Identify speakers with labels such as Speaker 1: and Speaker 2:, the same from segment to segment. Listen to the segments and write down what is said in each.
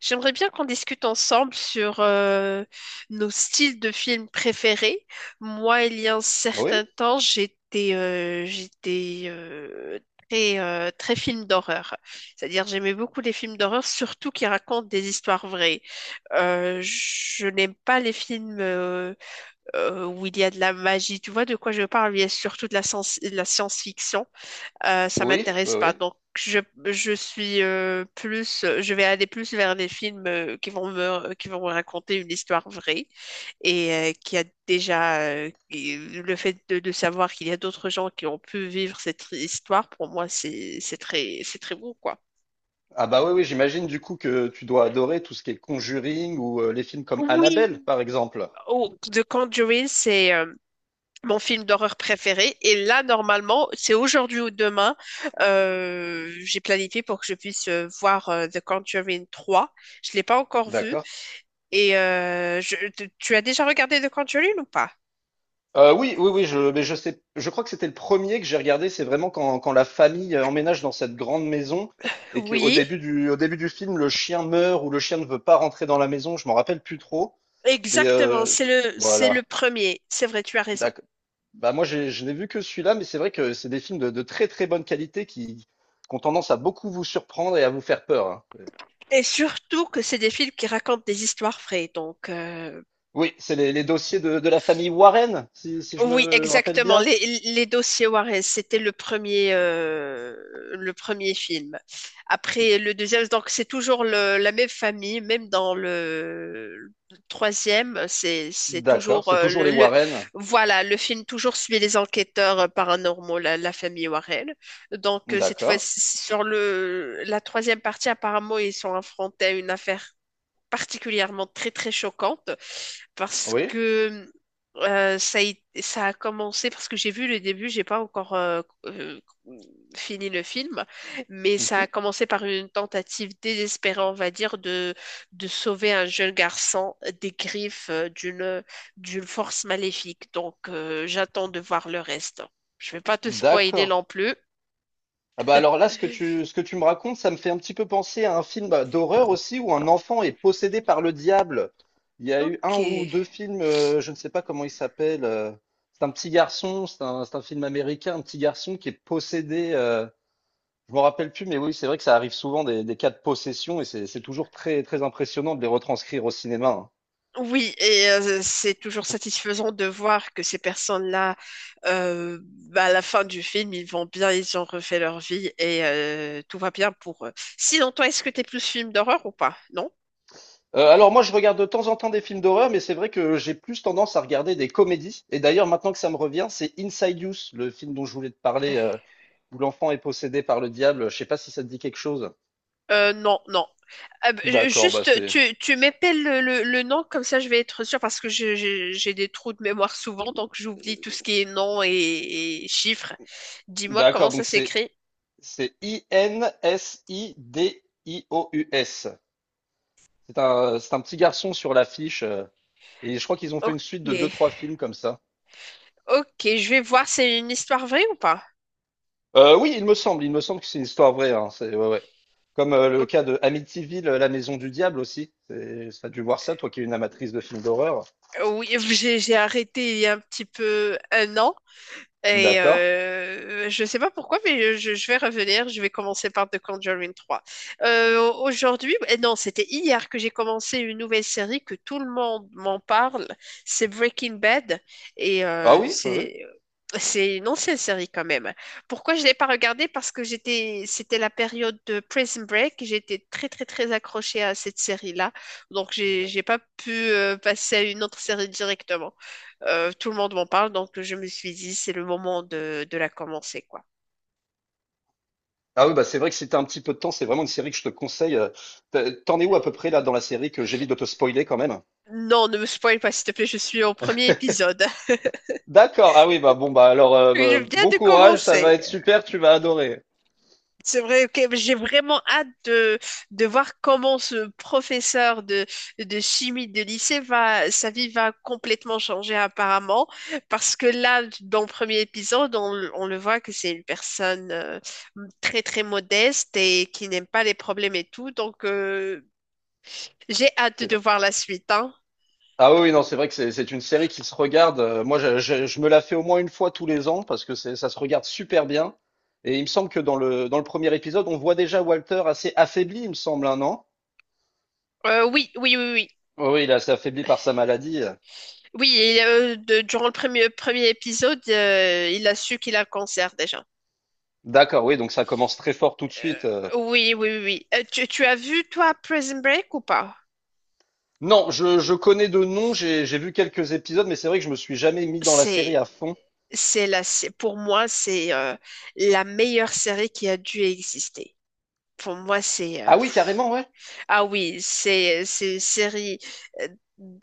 Speaker 1: J'aimerais bien qu'on discute ensemble sur nos styles de films préférés. Moi, il y a un
Speaker 2: Ah oui,
Speaker 1: certain temps, j'étais très, très film d'horreur. C'est-à-dire, j'aimais beaucoup les films d'horreur, surtout qui racontent des histoires vraies. Je n'aime pas les films où il y a de la magie. Tu vois de quoi je parle? Il y a surtout de la science-fiction, ça
Speaker 2: oui, oui,
Speaker 1: m'intéresse pas.
Speaker 2: oui.
Speaker 1: Donc, je suis plus, je vais aller plus vers des films, qui vont me raconter une histoire vraie et qui a déjà qui- le fait de savoir qu'il y a d'autres gens qui ont pu vivre cette histoire. Pour moi, c'est très beau, quoi.
Speaker 2: Ah bah oui, oui, j'imagine du coup que tu dois adorer tout ce qui est Conjuring ou les films comme
Speaker 1: Oui,
Speaker 2: Annabelle, par exemple.
Speaker 1: oh, The Conjuring, c'est mon film d'horreur préféré. Et là, normalement, c'est aujourd'hui ou demain. J'ai planifié pour que je puisse voir The Conjuring 3. Je l'ai pas encore vu.
Speaker 2: D'accord.
Speaker 1: Et tu as déjà regardé The Conjuring ou pas?
Speaker 2: Oui, oui, oui, je, mais je sais, je crois que c'était le premier que j'ai regardé. C'est vraiment quand, quand la famille emménage dans cette grande maison et
Speaker 1: Oui,
Speaker 2: au début du film, le chien meurt ou le chien ne veut pas rentrer dans la maison. Je m'en rappelle plus trop, mais
Speaker 1: exactement. C'est le
Speaker 2: voilà.
Speaker 1: premier. C'est vrai, tu as raison.
Speaker 2: D'accord. Bah, moi, j'ai je n'ai vu que celui-là, mais c'est vrai que c'est des films de très très bonne qualité qui ont tendance à beaucoup vous surprendre et à vous faire peur, hein.
Speaker 1: Et surtout que c'est des films qui racontent des histoires vraies.
Speaker 2: Oui, c'est les dossiers de la famille Warren, si je
Speaker 1: Oui,
Speaker 2: me rappelle
Speaker 1: exactement.
Speaker 2: bien.
Speaker 1: Les dossiers Warren, c'était le premier film. Après, le deuxième, donc c'est toujours la même famille, même dans le troisième, c'est
Speaker 2: D'accord,
Speaker 1: toujours
Speaker 2: c'est toujours les Warren.
Speaker 1: voilà, le film toujours suit les enquêteurs, paranormaux, la famille Warren. Donc, cette fois,
Speaker 2: D'accord,
Speaker 1: sur la troisième partie, apparemment, ils sont affrontés à une affaire particulièrement très très choquante parce
Speaker 2: oui.
Speaker 1: que ça a commencé parce que j'ai vu le début, j'ai pas encore fini le film, mais ça
Speaker 2: Mhm.
Speaker 1: a commencé par une tentative désespérée, on va dire, de sauver un jeune garçon des griffes, d'une d'une force maléfique. Donc, j'attends de voir le reste. Je vais pas te spoiler
Speaker 2: D'accord.
Speaker 1: non plus.
Speaker 2: Ah bah alors là, ce que tu me racontes, ça me fait un petit peu penser à un film bah, d'horreur aussi où un enfant est possédé par le diable. Il y a eu
Speaker 1: Ok.
Speaker 2: un ou deux films, je ne sais pas comment il s'appelle. C'est un petit garçon, c'est un film américain, un petit garçon qui est possédé. Je me rappelle plus, mais oui, c'est vrai que ça arrive souvent des cas de possession et c'est toujours très, très impressionnant de les retranscrire au cinéma, hein.
Speaker 1: Oui, et c'est toujours satisfaisant de voir que ces personnes-là, bah, à la fin du film, ils vont bien, ils ont refait leur vie et, tout va bien pour eux. Sinon, toi, est-ce que t'es plus film d'horreur ou pas? Non?
Speaker 2: Alors moi, je regarde de temps en temps des films d'horreur, mais c'est vrai que j'ai plus tendance à regarder des comédies. Et d'ailleurs, maintenant que ça me revient, c'est Inside Youth, le film dont je voulais te parler. Où l'enfant est possédé par le diable. Je sais pas si ça te dit quelque chose.
Speaker 1: Non, non.
Speaker 2: D'accord, bah
Speaker 1: Juste,
Speaker 2: c'est.
Speaker 1: tu m'épelles le nom, comme ça je vais être sûre, parce que j'ai des trous de mémoire souvent, donc j'oublie tout ce qui est nom et chiffres. Dis-moi comment
Speaker 2: D'accord,
Speaker 1: ça
Speaker 2: donc
Speaker 1: s'écrit.
Speaker 2: c'est I-N-S-I-D-I-O-U-S. C'est un petit garçon sur l'affiche. Et je crois qu'ils ont fait
Speaker 1: Ok.
Speaker 2: une suite de deux, trois films comme ça.
Speaker 1: Ok, je vais voir, c'est une histoire vraie ou pas?
Speaker 2: Oui, il me semble que c'est une histoire vraie. Hein, c'est ouais, ouais. Comme le
Speaker 1: Ok.
Speaker 2: cas de Amityville, La Maison du Diable aussi. Ça a dû voir ça, toi qui es une amatrice de films d'horreur.
Speaker 1: Oui, j'ai arrêté il y a un petit peu 1 an. Et
Speaker 2: D'accord.
Speaker 1: je sais pas pourquoi, mais je vais revenir. Je vais commencer par The Conjuring 3. Aujourd'hui, eh non, c'était hier que j'ai commencé une nouvelle série que tout le monde m'en parle. C'est Breaking Bad. Et
Speaker 2: Ah
Speaker 1: euh,
Speaker 2: oui, oui,
Speaker 1: c'est. C'est une ancienne série quand même. Pourquoi je l'ai pas regardée? Parce que c'était la période de Prison Break. J'étais très, très, très accrochée à cette série-là. Donc,
Speaker 2: oui.
Speaker 1: j'ai pas pu passer à une autre série directement. Tout le monde m'en parle, donc je me suis dit, c'est le moment de la commencer, quoi.
Speaker 2: Ah oui, bah c'est vrai que si t'as un petit peu de temps, c'est vraiment une série que je te conseille. T'as- t'en es où à peu près là dans la série, que j'évite de te spoiler quand même?
Speaker 1: Non, ne me spoil pas, s'il te plaît, je suis au premier épisode.
Speaker 2: D'accord, ah oui, bah bon, bah alors,
Speaker 1: Je
Speaker 2: bah,
Speaker 1: viens
Speaker 2: bon
Speaker 1: de
Speaker 2: courage, ça va
Speaker 1: commencer.
Speaker 2: être super, tu vas adorer.
Speaker 1: C'est vrai, ok, j'ai vraiment hâte de voir comment ce professeur de chimie de lycée sa vie va complètement changer apparemment, parce que là, dans le premier épisode, on le voit que c'est une personne, très très modeste et qui n'aime pas les problèmes et tout, donc, j'ai hâte
Speaker 2: C'est
Speaker 1: de
Speaker 2: vrai.
Speaker 1: voir la suite, hein.
Speaker 2: Ah oui, oui, non, c'est vrai que c'est une série qui se regarde. Je me la fais au moins une fois tous les ans parce que ça se regarde super bien. Et il me semble que dans le premier épisode, on voit déjà Walter assez affaibli, il me semble, un an.
Speaker 1: Oui, oui, oui, oui.
Speaker 2: Oui, il est assez affaibli par sa maladie.
Speaker 1: Oui, durant le premier épisode, il a su qu'il a le cancer déjà.
Speaker 2: D'accord, oui, donc ça commence très fort tout de
Speaker 1: Euh,
Speaker 2: suite.
Speaker 1: oui, oui, oui. Oui. Tu as vu, toi, Prison Break ou pas?
Speaker 2: Non, je connais de nom, j'ai vu quelques épisodes, mais c'est vrai que je me suis jamais mis dans la série
Speaker 1: C'est,
Speaker 2: à fond.
Speaker 1: pour moi, c'est la meilleure série qui a dû exister. Pour moi, c'est...
Speaker 2: Ah oui, carrément, ouais.
Speaker 1: Ah oui, c'est une série, euh,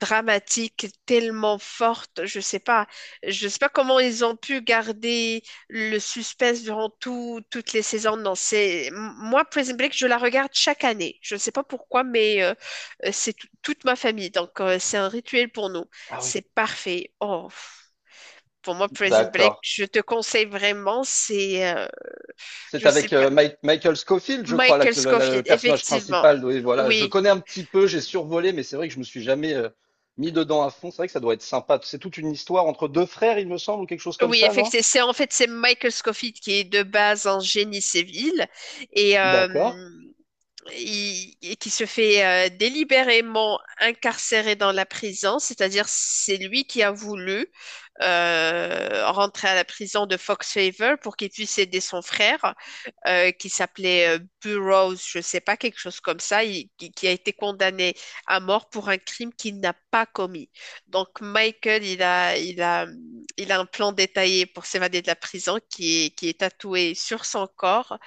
Speaker 1: dramatique tellement forte, je sais pas comment ils ont pu garder le suspense durant toutes les saisons. Non, moi Prison Break, je la regarde chaque année. Je sais pas pourquoi, mais c'est toute ma famille, donc, c'est un rituel pour nous.
Speaker 2: Ah oui,
Speaker 1: C'est parfait. Pour moi Prison
Speaker 2: d'accord.
Speaker 1: Break, je te conseille vraiment.
Speaker 2: C'est
Speaker 1: Je sais
Speaker 2: avec
Speaker 1: pas,
Speaker 2: Michael Scofield, je crois,
Speaker 1: Michael
Speaker 2: le
Speaker 1: Scofield,
Speaker 2: personnage
Speaker 1: effectivement.
Speaker 2: principal. Oui, voilà. Je
Speaker 1: Oui.
Speaker 2: connais un petit peu, j'ai survolé, mais c'est vrai que je me suis jamais mis dedans à fond. C'est vrai que ça doit être sympa. C'est toute une histoire entre deux frères, il me semble, ou quelque chose comme
Speaker 1: Oui,
Speaker 2: ça, non?
Speaker 1: effectivement, c'est en fait c'est Michael Scofield qui est de base un génie civil et,
Speaker 2: D'accord.
Speaker 1: euh, et qui se fait délibérément incarcérer dans la prison, c'est-à-dire c'est lui qui a voulu rentrer à la prison de Fox Favor pour qu'il puisse aider son frère, qui s'appelait Burroughs, je sais pas, quelque chose comme ça, qui a été condamné à mort pour un crime qu'il n'a pas commis. Donc Michael, il a un plan détaillé pour s'évader de la prison qui est tatoué sur son corps.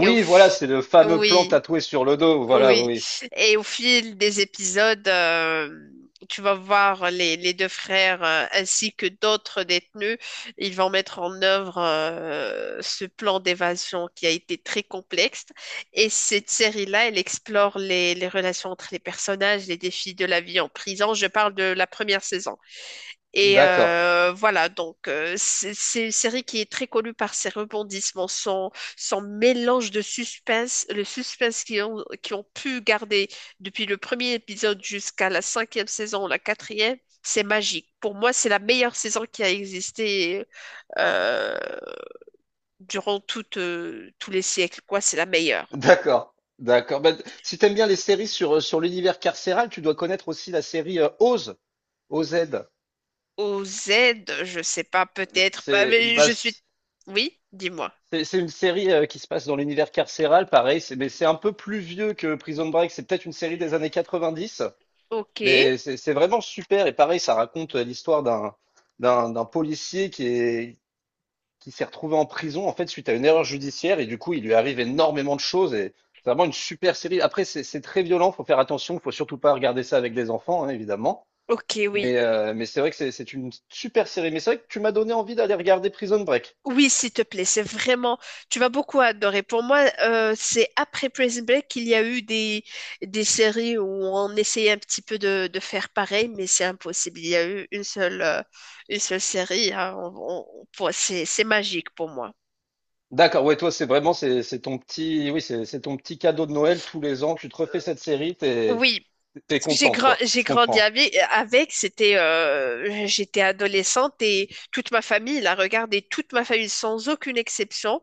Speaker 1: Et au
Speaker 2: voilà,
Speaker 1: f-
Speaker 2: c'est le fameux plan
Speaker 1: oui.
Speaker 2: tatoué sur le dos. Voilà,
Speaker 1: Oui,
Speaker 2: oui.
Speaker 1: et au fil des épisodes, tu vas voir les deux frères, ainsi que d'autres détenus, ils vont mettre en œuvre ce plan d'évasion qui a été très complexe. Et cette série-là, elle explore les relations entre les personnages, les défis de la vie en prison. Je parle de la première saison. Et
Speaker 2: D'accord.
Speaker 1: voilà, donc, c'est une série qui est très connue par ses rebondissements, son mélange de suspense, le suspense qu'ils ont pu garder depuis le premier épisode jusqu'à la cinquième saison ou la quatrième, c'est magique. Pour moi, c'est la meilleure saison qui a existé, euh, durant tous les siècles, quoi, c'est la meilleure.
Speaker 2: D'accord, d'accord. Bah, si t'aimes bien les séries sur, sur l'univers carcéral, tu dois connaître aussi la série OZ.
Speaker 1: Au Z, je sais pas, peut-être, bah,
Speaker 2: C'est
Speaker 1: mais
Speaker 2: bah,
Speaker 1: je suis...
Speaker 2: c'est
Speaker 1: Oui, dis-moi.
Speaker 2: c'est une série qui se passe dans l'univers carcéral, pareil, mais c'est un peu plus vieux que Prison Break. C'est peut-être une série des années 90.
Speaker 1: Ok,
Speaker 2: Mais c'est vraiment super. Et pareil, ça raconte l'histoire d'un policier qui s'est retrouvé en prison en fait suite à une erreur judiciaire et du coup il lui arrive énormément de choses et c'est vraiment une super série. Après c'est très violent, faut faire attention, faut surtout pas regarder ça avec des enfants, hein, évidemment.
Speaker 1: ok, oui.
Speaker 2: Mais c'est vrai que c'est une super série. Mais c'est vrai que tu m'as donné envie d'aller regarder Prison Break.
Speaker 1: Oui, s'il te plaît, c'est vraiment, tu vas beaucoup adorer. Pour moi, c'est après Prison Break qu'il y a eu des séries où on essayait un petit peu de faire pareil, mais c'est impossible. Il y a eu une seule série. Hein. C'est magique pour moi.
Speaker 2: D'accord, ouais toi c'est vraiment c'est ton petit oui c'est ton petit cadeau de Noël tous les ans. Tu te refais
Speaker 1: Euh,
Speaker 2: cette série,
Speaker 1: Oui,
Speaker 2: t'es
Speaker 1: parce que
Speaker 2: contente quoi.
Speaker 1: j'ai
Speaker 2: Je
Speaker 1: grandi
Speaker 2: comprends.
Speaker 1: avec, j'étais adolescente et toute ma famille la regardait, toute ma famille sans aucune exception.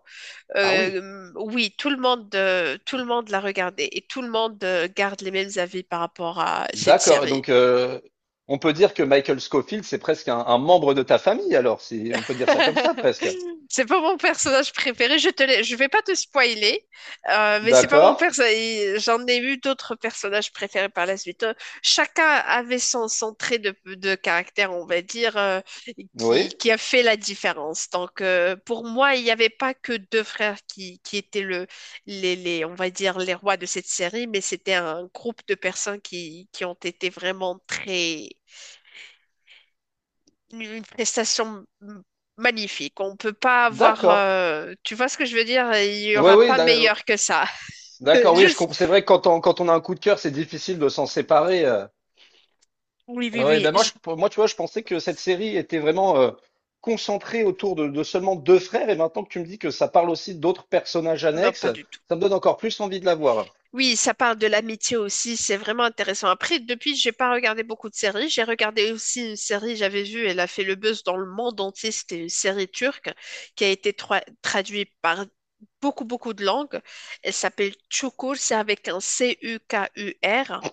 Speaker 2: Ah oui,
Speaker 1: Oui, tout le monde l'a regardé et tout le monde, garde les mêmes avis par rapport à cette
Speaker 2: d'accord.
Speaker 1: série.
Speaker 2: Donc on peut dire que Michael Scofield c'est presque un membre de ta famille alors, si on peut dire ça comme ça presque.
Speaker 1: C'est pas mon personnage préféré. Je vais pas te spoiler, mais c'est pas mon
Speaker 2: D'accord.
Speaker 1: personnage. J'en ai eu d'autres personnages préférés par la suite. Chacun avait son trait de caractère, on va dire,
Speaker 2: Oui.
Speaker 1: qui a fait la différence. Donc, pour moi, il n'y avait pas que deux frères qui étaient on va dire, les rois de cette série, mais c'était un groupe de personnes qui ont été vraiment très une prestation magnifique. On peut pas avoir,
Speaker 2: D'accord.
Speaker 1: tu vois ce que je veux dire? Il y
Speaker 2: Oui,
Speaker 1: aura
Speaker 2: oui,
Speaker 1: pas meilleur que ça.
Speaker 2: d'accord. Oui, je
Speaker 1: Juste,
Speaker 2: comprends. C'est vrai que quand on a un coup de cœur, c'est difficile de s'en séparer.
Speaker 1: oui, oui,
Speaker 2: Ouais,
Speaker 1: oui.
Speaker 2: ben moi, tu vois, je pensais que cette série était vraiment concentrée autour de seulement deux frères. Et maintenant que tu me dis que ça parle aussi d'autres personnages
Speaker 1: Non,
Speaker 2: annexes,
Speaker 1: pas du tout.
Speaker 2: ça me donne encore plus envie de la voir.
Speaker 1: Oui, ça parle de l'amitié aussi. C'est vraiment intéressant. Après, depuis, j'ai pas regardé beaucoup de séries. J'ai regardé aussi une série, j'avais vu, elle a fait le buzz dans le monde entier. C'était une série turque qui a été traduite par beaucoup, beaucoup de langues. Elle s'appelle Çukur. C'est avec un Cukur.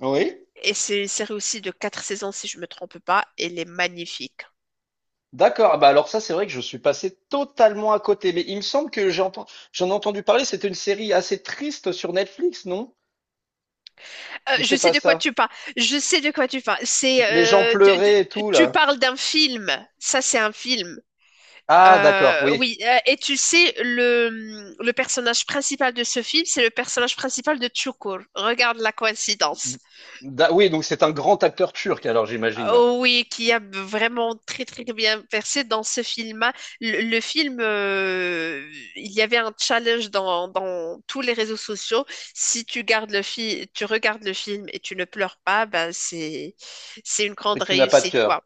Speaker 2: Oui.
Speaker 1: Et c'est une série aussi de 4 saisons, si je me trompe pas. Elle est magnifique.
Speaker 2: D'accord. Ah bah alors ça, c'est vrai que je suis passé totalement à côté. Mais il me semble que j'ai entendu, j'en ai entendu parler. C'était une série assez triste sur Netflix, non? Ou
Speaker 1: Je
Speaker 2: c'est
Speaker 1: sais
Speaker 2: pas
Speaker 1: de quoi
Speaker 2: ça?
Speaker 1: tu parles. Je sais de quoi tu parles.
Speaker 2: Les gens
Speaker 1: Euh, de- de-
Speaker 2: pleuraient et tout,
Speaker 1: Tu
Speaker 2: là.
Speaker 1: parles d'un film. Ça, c'est un film.
Speaker 2: Ah d'accord, oui.
Speaker 1: Oui. Et tu sais, le personnage principal de ce film, c'est le personnage principal de Chukur. Regarde la coïncidence.
Speaker 2: Oui, donc c'est un grand acteur turc alors j'imagine.
Speaker 1: Oh oui, qui a vraiment très très bien percé dans ce film-là. Le film, il y avait un challenge dans tous les réseaux sociaux. Si tu regardes le film et tu ne pleures pas, ben c'est une grande
Speaker 2: C'est que tu n'as pas de
Speaker 1: réussite, quoi.
Speaker 2: cœur.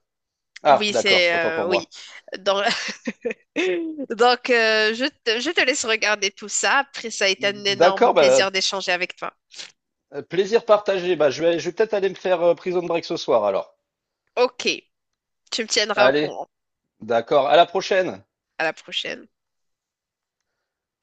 Speaker 2: Ah
Speaker 1: Oui,
Speaker 2: d'accord,
Speaker 1: c'est,
Speaker 2: autant pour
Speaker 1: oui.
Speaker 2: moi.
Speaker 1: Dans- Donc, je te laisse regarder tout ça. Après, ça a été un énorme
Speaker 2: D'accord, bah,
Speaker 1: plaisir d'échanger avec toi.
Speaker 2: plaisir partagé. Bah, je vais peut-être aller me faire Prison Break ce soir alors.
Speaker 1: Ok, tu me tiendras au
Speaker 2: Allez,
Speaker 1: courant.
Speaker 2: d'accord, à la prochaine.
Speaker 1: À la prochaine.